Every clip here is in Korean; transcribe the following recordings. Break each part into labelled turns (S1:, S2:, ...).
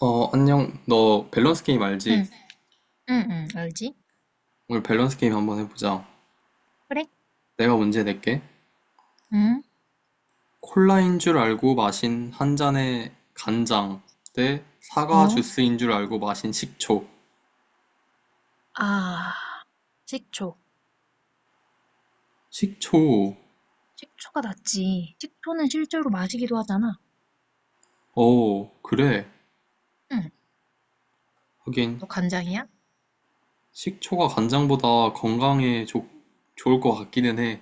S1: 안녕. 너 밸런스 게임
S2: 응,
S1: 알지? 네.
S2: 응, 응, 알지?
S1: 오늘 밸런스 게임 한번 해보자.
S2: 그래?
S1: 내가 문제 낼게.
S2: 응,
S1: 콜라인 줄 알고 마신 한 잔의 간장 대 사과
S2: 어?
S1: 주스인 줄 알고 마신 식초.
S2: 아, 식초.
S1: 식초.
S2: 식초가 낫지. 식초는 실제로 마시기도 하잖아.
S1: 어, 그래.
S2: 응,
S1: 하긴,
S2: 너 간장이야?
S1: 식초가 간장보다 건강에 좋 좋을 것 같기는 해.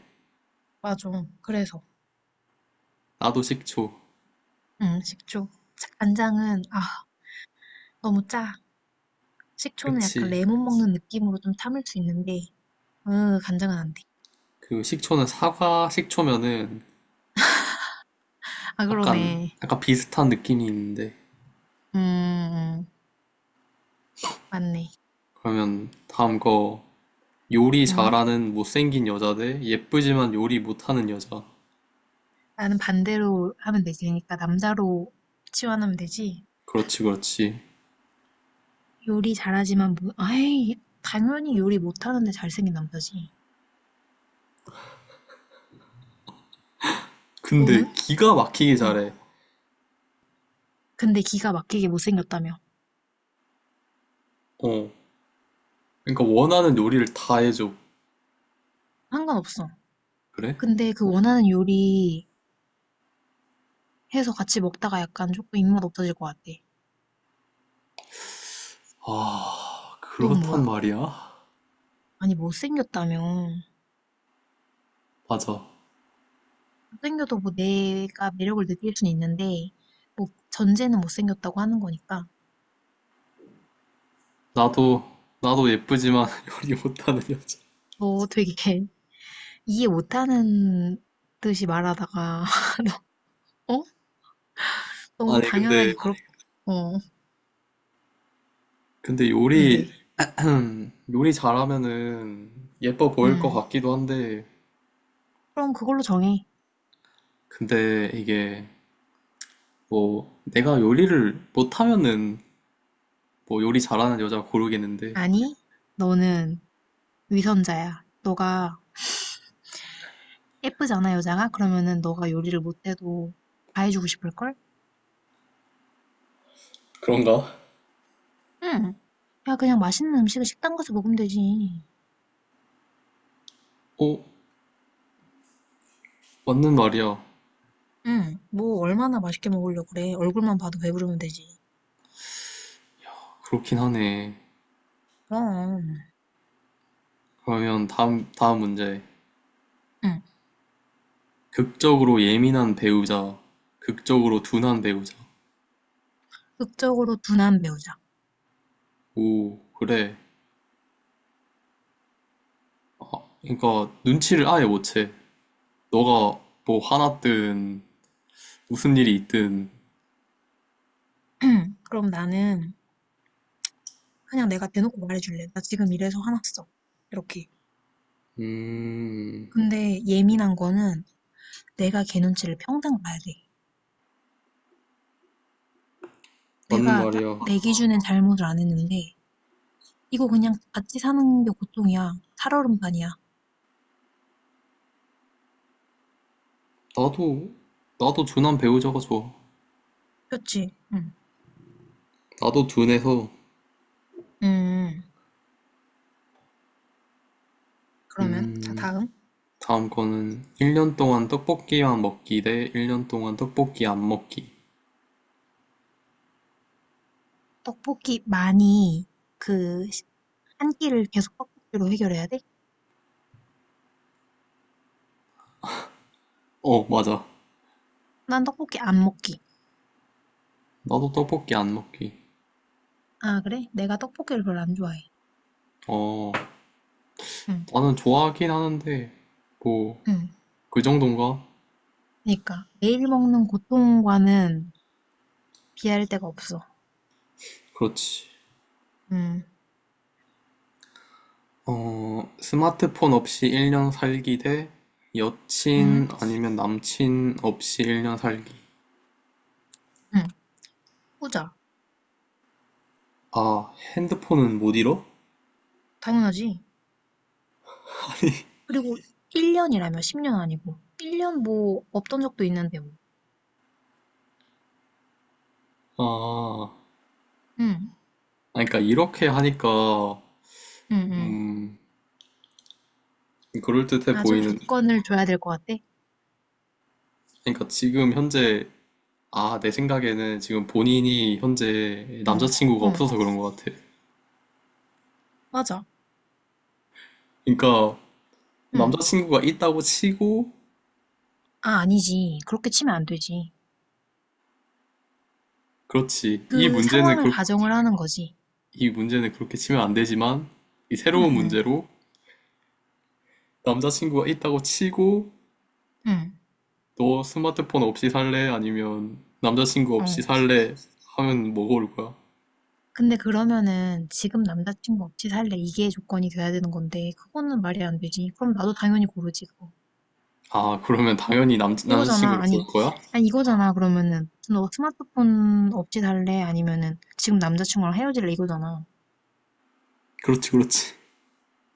S2: 맞아. 그래서.
S1: 나도 식초.
S2: 응, 식초. 간장은, 아, 너무 짜. 식초는 약간
S1: 그치.
S2: 레몬 먹는 느낌으로 좀 참을 수 있는데, 으, 간장은 안 돼.
S1: 그 식초는 사과 식초면은
S2: 아,
S1: 약간
S2: 그러네.
S1: 약간 비슷한 느낌이 있는데.
S2: 음, 음, 맞네.
S1: 그러면 다음 거, 요리
S2: 응?
S1: 잘하는 못생긴 여자 대 예쁘지만 요리 못하는 여자.
S2: 나는 반대로 하면 되지. 그러니까 남자로 치환하면 되지.
S1: 그렇지, 그렇지.
S2: 요리 잘하지만 뭐, 당연히 요리 못하는데 잘생긴 남자지.
S1: 근데
S2: 너는?
S1: 기가 막히게
S2: 어.
S1: 잘해.
S2: 근데 기가 막히게 못생겼다며.
S1: 어. 그러니까 원하는 요리를 다 해줘.
S2: 상관없어.
S1: 그래?
S2: 근데 그 원하는 요리 해서 같이 먹다가 약간 조금 입맛 없어질 것 같아.
S1: 아,
S2: 넌 뭐야?
S1: 그렇단 말이야.
S2: 아니, 못생겼다며.
S1: 맞아.
S2: 못생겨도 뭐 내가 매력을 느낄 순 있는데, 뭐 전제는 못생겼다고 하는 거니까.
S1: 나도, 나도, 예쁘지만 요리 못하는 여자.
S2: 너 되게 이해 못하는 듯이 말하다가, 너, 어? 너무
S1: 아니,
S2: 당연하게
S1: 근데,
S2: 그렇, 어,
S1: 근데
S2: 근데,
S1: 요리, 요리 잘하면은 예뻐 보일 것
S2: 음.
S1: 같기도 한데,
S2: 그럼 그걸로 정해.
S1: 근데 이게 뭐 내가 요리를 못하면은 뭐 요리 잘하는 여자 고르겠는데.
S2: 아니, 너는 위선자야. 너가 예쁘잖아, 여자가? 그러면은 너가 요리를 못해도 다 해주고 싶을걸?
S1: 그런가?
S2: 응, 야, 그냥 맛있는 음식을 식당 가서 먹으면 되지.
S1: 어, 맞는 말이야.
S2: 응. 뭐 얼마나 맛있게 먹으려고 그래. 얼굴만 봐도 배부르면 되지.
S1: 그렇긴 하네.
S2: 그럼.
S1: 그러면 다음 문제.
S2: 응.
S1: 극적으로 예민한 배우자, 극적으로 둔한 배우자.
S2: 극적으로 둔한 배우자.
S1: 오, 그래. 그러니까 눈치를 아예 못 채. 너가 뭐 화났든 무슨 일이 있든.
S2: 응. 그럼 나는 그냥 내가 대놓고 말해줄래. 나 지금 이래서 화났어. 이렇게.
S1: 음,
S2: 근데 예민한 거는 내가 걔 눈치를 평생 봐야 돼.
S1: 맞는
S2: 내가 나-
S1: 말이야.
S2: 내 기준엔 잘못을 안 했는데 이거 그냥 같이 사는 게 고통이야. 살얼음판이야.
S1: 나도, 나도 둔한 배우자가 좋아.
S2: 그렇지? 응.
S1: 나도 둔해서.
S2: 음, 그러면 자
S1: 음,
S2: 다음.
S1: 다음 거는 1년 동안 떡볶이만 먹기 대 1년 동안 떡볶이 안 먹기.
S2: 떡볶이 많이 그 한 끼를 계속 떡볶이로 해결해야 돼?
S1: 어, 맞아.
S2: 난 떡볶이 안 먹기.
S1: 나도 떡볶이 안 먹기.
S2: 아, 그래? 내가 떡볶이를 별로 안 좋아해.
S1: 어,
S2: 응.
S1: 나는 좋아하긴 하는데, 뭐,
S2: 응.
S1: 그 정도인가?
S2: 그러니까 매일 먹는 고통과는 비할 데가 없어.
S1: 그렇지.
S2: 응
S1: 어, 스마트폰 없이 1년 살기 대
S2: 응.
S1: 여친 아니면 남친 없이 1년 살기.
S2: 응. 후자
S1: 아, 핸드폰은 못 잃어?
S2: 당연하지. 그리고 1년이라며 10년 아니고 1년 뭐 없던 적도 있는데 뭐.
S1: 아,
S2: 응,
S1: 아니, 그러니까 이렇게 하니까,
S2: 응, 응.
S1: 음, 그럴듯해
S2: 아, 좀
S1: 보이는,
S2: 조건을 줘야 될 것 같아?
S1: 그러니까 지금 현재, 아, 내 생각에는 지금 본인이 현재
S2: 어,
S1: 남자친구가
S2: 어,
S1: 없어서 그런 것 같아.
S2: 맞아.
S1: 그러니까
S2: 응.
S1: 남자친구가 있다고 치고.
S2: 아, 아니지. 그렇게 치면 안 되지.
S1: 그렇지. 이
S2: 그
S1: 문제는,
S2: 상황을
S1: 그,
S2: 가정을 하는 거지.
S1: 이 문제는 그렇게 치면 안 되지만, 이
S2: 응,
S1: 새로운
S2: 응,
S1: 문제로 남자친구가 있다고 치고,
S2: 응.
S1: 너 스마트폰 없이 살래, 아니면 남자친구 없이
S2: 어.
S1: 살래 하면 뭐 고를 거야?
S2: 근데 그러면은 지금 남자친구 없이 살래 이게 조건이 돼야 되는 건데 그거는 말이 안 되지. 그럼 나도 당연히 고르지 그거.
S1: 아, 그러면 당연히
S2: 이거잖아.
S1: 남자친구를 고를
S2: 아니,
S1: 거야?
S2: 아니 이거잖아. 그러면은 너 스마트폰 없이 살래? 아니면은 지금 남자친구랑 헤어질래? 이거잖아.
S1: 그렇지, 그렇지.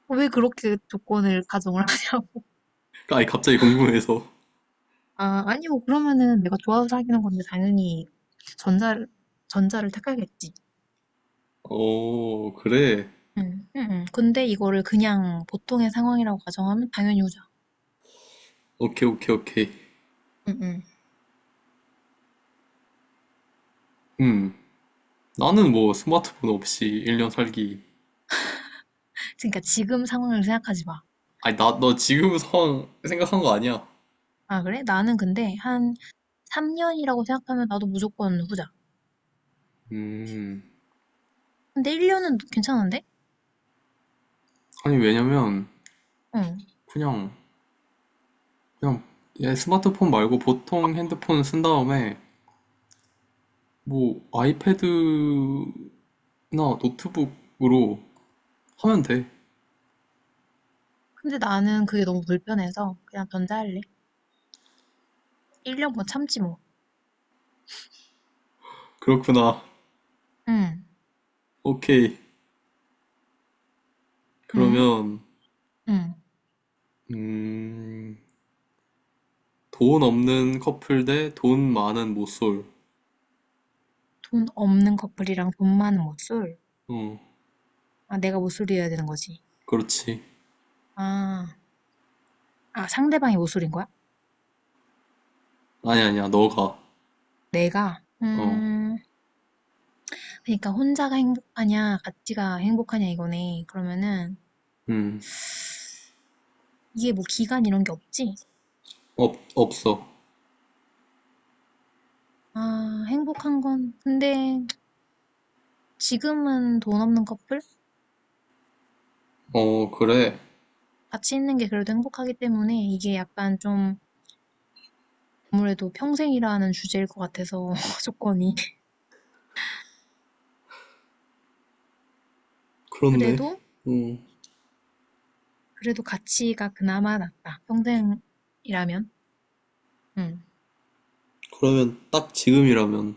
S2: 어, 왜 그렇게 조건을 가정을 하냐고.
S1: 아니, 갑자기 궁금해서.
S2: 아, 아니고 그러면은 내가 좋아서 사귀는 건데 당연히 전자를 전자를 택하겠지.
S1: 어, 그래.
S2: 응, 응, 응. 근데 이거를 그냥 보통의 상황이라고 가정하면 당연히 후자.
S1: 오케이, 오케이, 오케이.
S2: 응, 응.
S1: 음, 나는 뭐 스마트폰 없이 1년 살기.
S2: 그러니까 지금 상황을 생각하지 마.
S1: 아니, 너 지금 상황 생각한 거 아니야.
S2: 아, 그래? 나는 근데 한 3년이라고 생각하면 나도 무조건 후자.
S1: 음,
S2: 근데 1년은 괜찮은데?
S1: 아니, 왜냐면,
S2: 응.
S1: 그냥, 그냥, 얘 스마트폰 말고 보통 핸드폰 쓴 다음에, 뭐, 아이패드나 노트북으로 하면 돼.
S2: 근데 나는 그게 너무 불편해서 그냥 전자할래. 1년 뭐 참지 뭐.
S1: 그렇구나.
S2: 응,
S1: 오케이.
S2: 응,
S1: 그러면,
S2: 응.
S1: 음, 돈 없는 커플 대 돈 많은 모쏠.
S2: 돈 없는 커플이랑 돈 많은 모쏠.
S1: 어,
S2: 아, 내가 모쏠이어야 되는 거지.
S1: 그렇지.
S2: 아, 아, 상대방이 모쏠인 거야?
S1: 아니, 아니야, 너가.
S2: 내가?
S1: 어,
S2: 그러니까 혼자가 행복하냐, 같이가 행복하냐 이거네. 그러면은
S1: 음,
S2: 이게 뭐 기간 이런 게 없지?
S1: 없어.
S2: 아, 행복한 건. 근데 지금은 돈 없는 커플?
S1: 어, 그래.
S2: 같이 있는 게 그래도 행복하기 때문에 이게 약간 좀 아무래도 평생이라 는 주제일 것 같아서 조건이.
S1: 그렇네.
S2: 그래도
S1: 음,
S2: 그래도 가치가 그나마 낫다. 평생이라면, 응.
S1: 그러면 딱 지금이라면.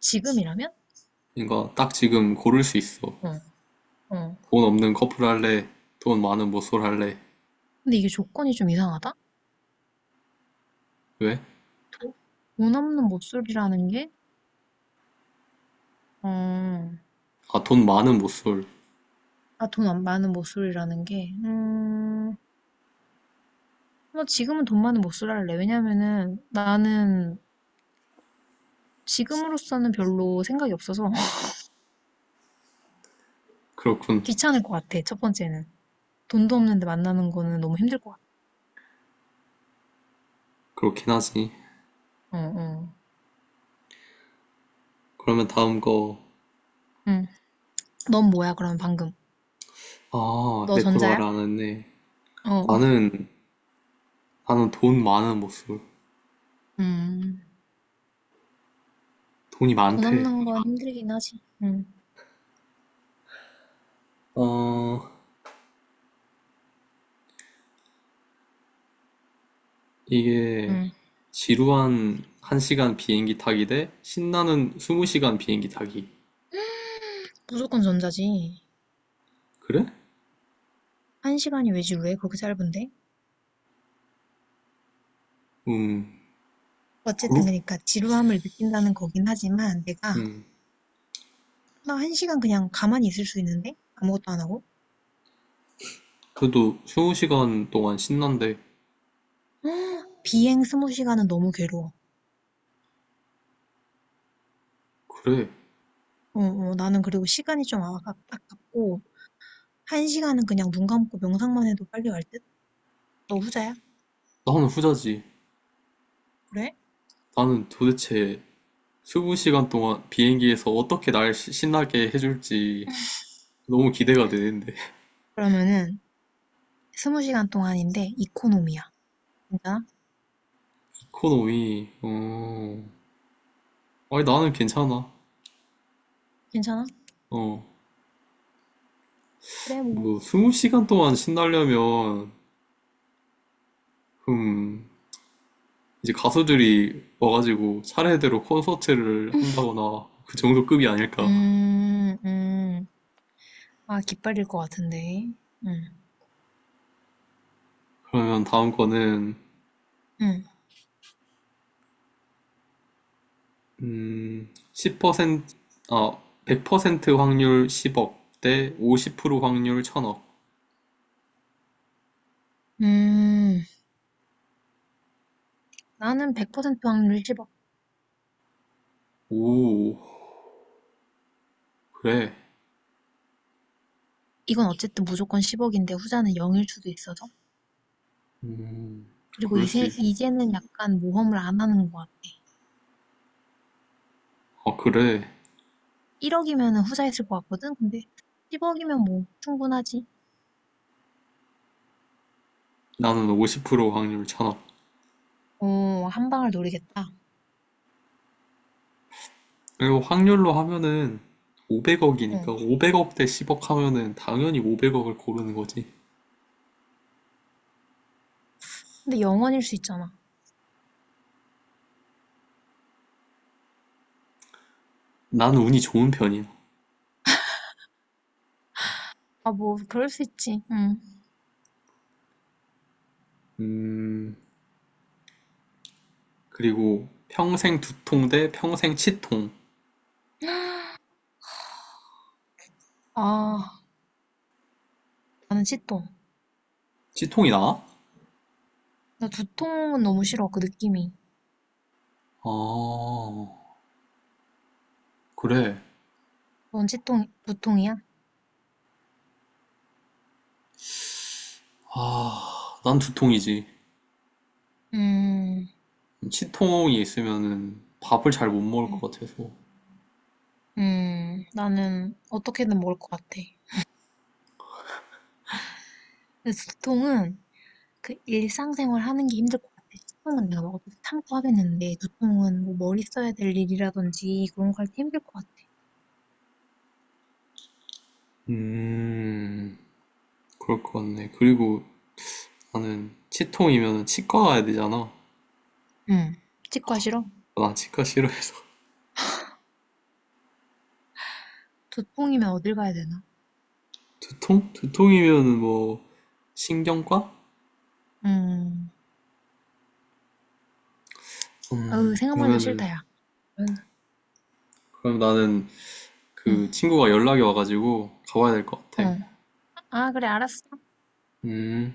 S2: 지금이라면,
S1: 그러니까 딱 지금 고를 수 있어.
S2: 어, 어.
S1: 돈 없는 커플 할래? 돈 많은 모쏠 할래?
S2: 근데 이게 조건이 좀 이상하다.
S1: 왜?
S2: 도- 돈 없는 모쏠이라는 게, 어,
S1: 아, 돈 많은 모쏠.
S2: 아, 돈 안 많은 모쏠이라는 게, 뭐 지금은 돈 많은 모쏠 할래. 왜냐면은 나는 지금으로서는 별로 생각이 없어서
S1: 그렇군.
S2: 귀찮을 것 같아. 첫 번째는 돈도 없는데 만나는 거는 너무 힘들 것 같아.
S1: 그렇긴 하지.
S2: 어, 어.
S1: 그러면 다음 거.
S2: 음, 넌 뭐야, 그럼 방금?
S1: 아, 내
S2: 너
S1: 걸 말
S2: 전자야?
S1: 안 했네.
S2: 어,
S1: 나는, 나는 돈 많은 모쏠.
S2: 음.
S1: 돈이
S2: 돈
S1: 많대.
S2: 없는 건 힘들긴 하지. 응,
S1: 어, 이게
S2: 응.
S1: 지루한 1시간 비행기 타기 대 신나는 20시간 비행기 타기.
S2: 무조건 전자지.
S1: 그래?
S2: 한 시간이 왜지, 왜 그렇게 짧은데?
S1: 음,
S2: 어쨌든
S1: 그룹?
S2: 그러니까 지루함을 느낀다는 거긴 하지만 내가
S1: 음.
S2: 나 한 시간 그냥 가만히 있을 수 있는데? 아무것도 안 하고?
S1: 그래도 20시간 동안 신난대.
S2: 헉, 비행 스무 시간은 너무 괴로워.
S1: 그래.
S2: 어, 어, 나는 그리고 시간이 좀 아깝고 한 시간은 그냥 눈 감고 명상만 해도 빨리 갈 듯? 너 후자야?
S1: 나는 후자지.
S2: 그래?
S1: 나는 도대체 20시간 동안 비행기에서 어떻게 날 신나게 해줄지 너무 기대가 되는데.
S2: 그러면은 스무 시간 동안인데 이코노미야. 괜찮아?
S1: 이코노미, 어. 아니, 나는 괜찮아.
S2: 괜찮아?
S1: 어.
S2: 그래, 뭐.
S1: 뭐, 20시간 동안 신나려면, 음, 이제 가수들이 와가지고 차례대로 콘서트를 한다거나 그 정도 급이 아닐까.
S2: 음, 음. 아, 깃발일 것 같은데. 음,
S1: 그러면 다음 거는,
S2: 음,
S1: 10%, 아, 100% 확률 10억 대 50% 확률 1000억.
S2: 음. 나는 100% 확률 10억.
S1: 오, 그래.
S2: 이건 어쨌든 무조건 10억인데 후자는 0일 수도 있어서.
S1: 음,
S2: 그리고
S1: 그럴 수 있,
S2: 이제는 약간 모험을 안 하는 것 같아.
S1: 어, 그래.
S2: 1억이면 후자였을 것 같거든? 근데 10억이면 뭐, 충분하지.
S1: 나는 50% 확률 찬업.
S2: 어, 한 방을 노리겠다.
S1: 그리고 확률로 하면은
S2: 어.
S1: 500억이니까 500억 대 10억 하면은 당연히 500억을 고르는 거지.
S2: 근데 영원일 수 있잖아.
S1: 나는 운이 좋은 편이야.
S2: 아, 뭐, 그럴 수 있지. 응
S1: 음, 그리고 평생 두통 대 평생 치통.
S2: 아, 나는 치통.
S1: 치통이 나아?
S2: 나 두통은 너무 싫어, 그 느낌이.
S1: 아, 그래.
S2: 원치통, 무통이야?
S1: 아, 난 두통이지.
S2: 음,
S1: 치통이 있으면은 밥을 잘 못 먹을
S2: 음,
S1: 것 같아서.
S2: 나는 어떻게든 먹을 것 같아. 근데 두통은 그 일상생활 하는 게 힘들 것 같아. 식통은 내가 먹어도 참고 하겠는데, 두통은 뭐 머리 써야 될 일이라든지 그런 거 할 때 힘들 것 같아.
S1: 음, 그럴 것 같네. 그리고 나는 치통이면 치과 가야 되잖아.
S2: 음, 치과 싫어?
S1: 나 치과 싫어해서.
S2: 두통이면 어딜 가야 되나?
S1: 두통? 두통이면은 뭐 신경과?
S2: 음, 어우, 생각만 해도
S1: 그러면은
S2: 싫다, 야. 응,
S1: 그럼 나는
S2: 응,
S1: 그 친구가 연락이 와가지고 가봐야 될 것
S2: 어.
S1: 같아.
S2: 아, 그래, 알았어.
S1: 음.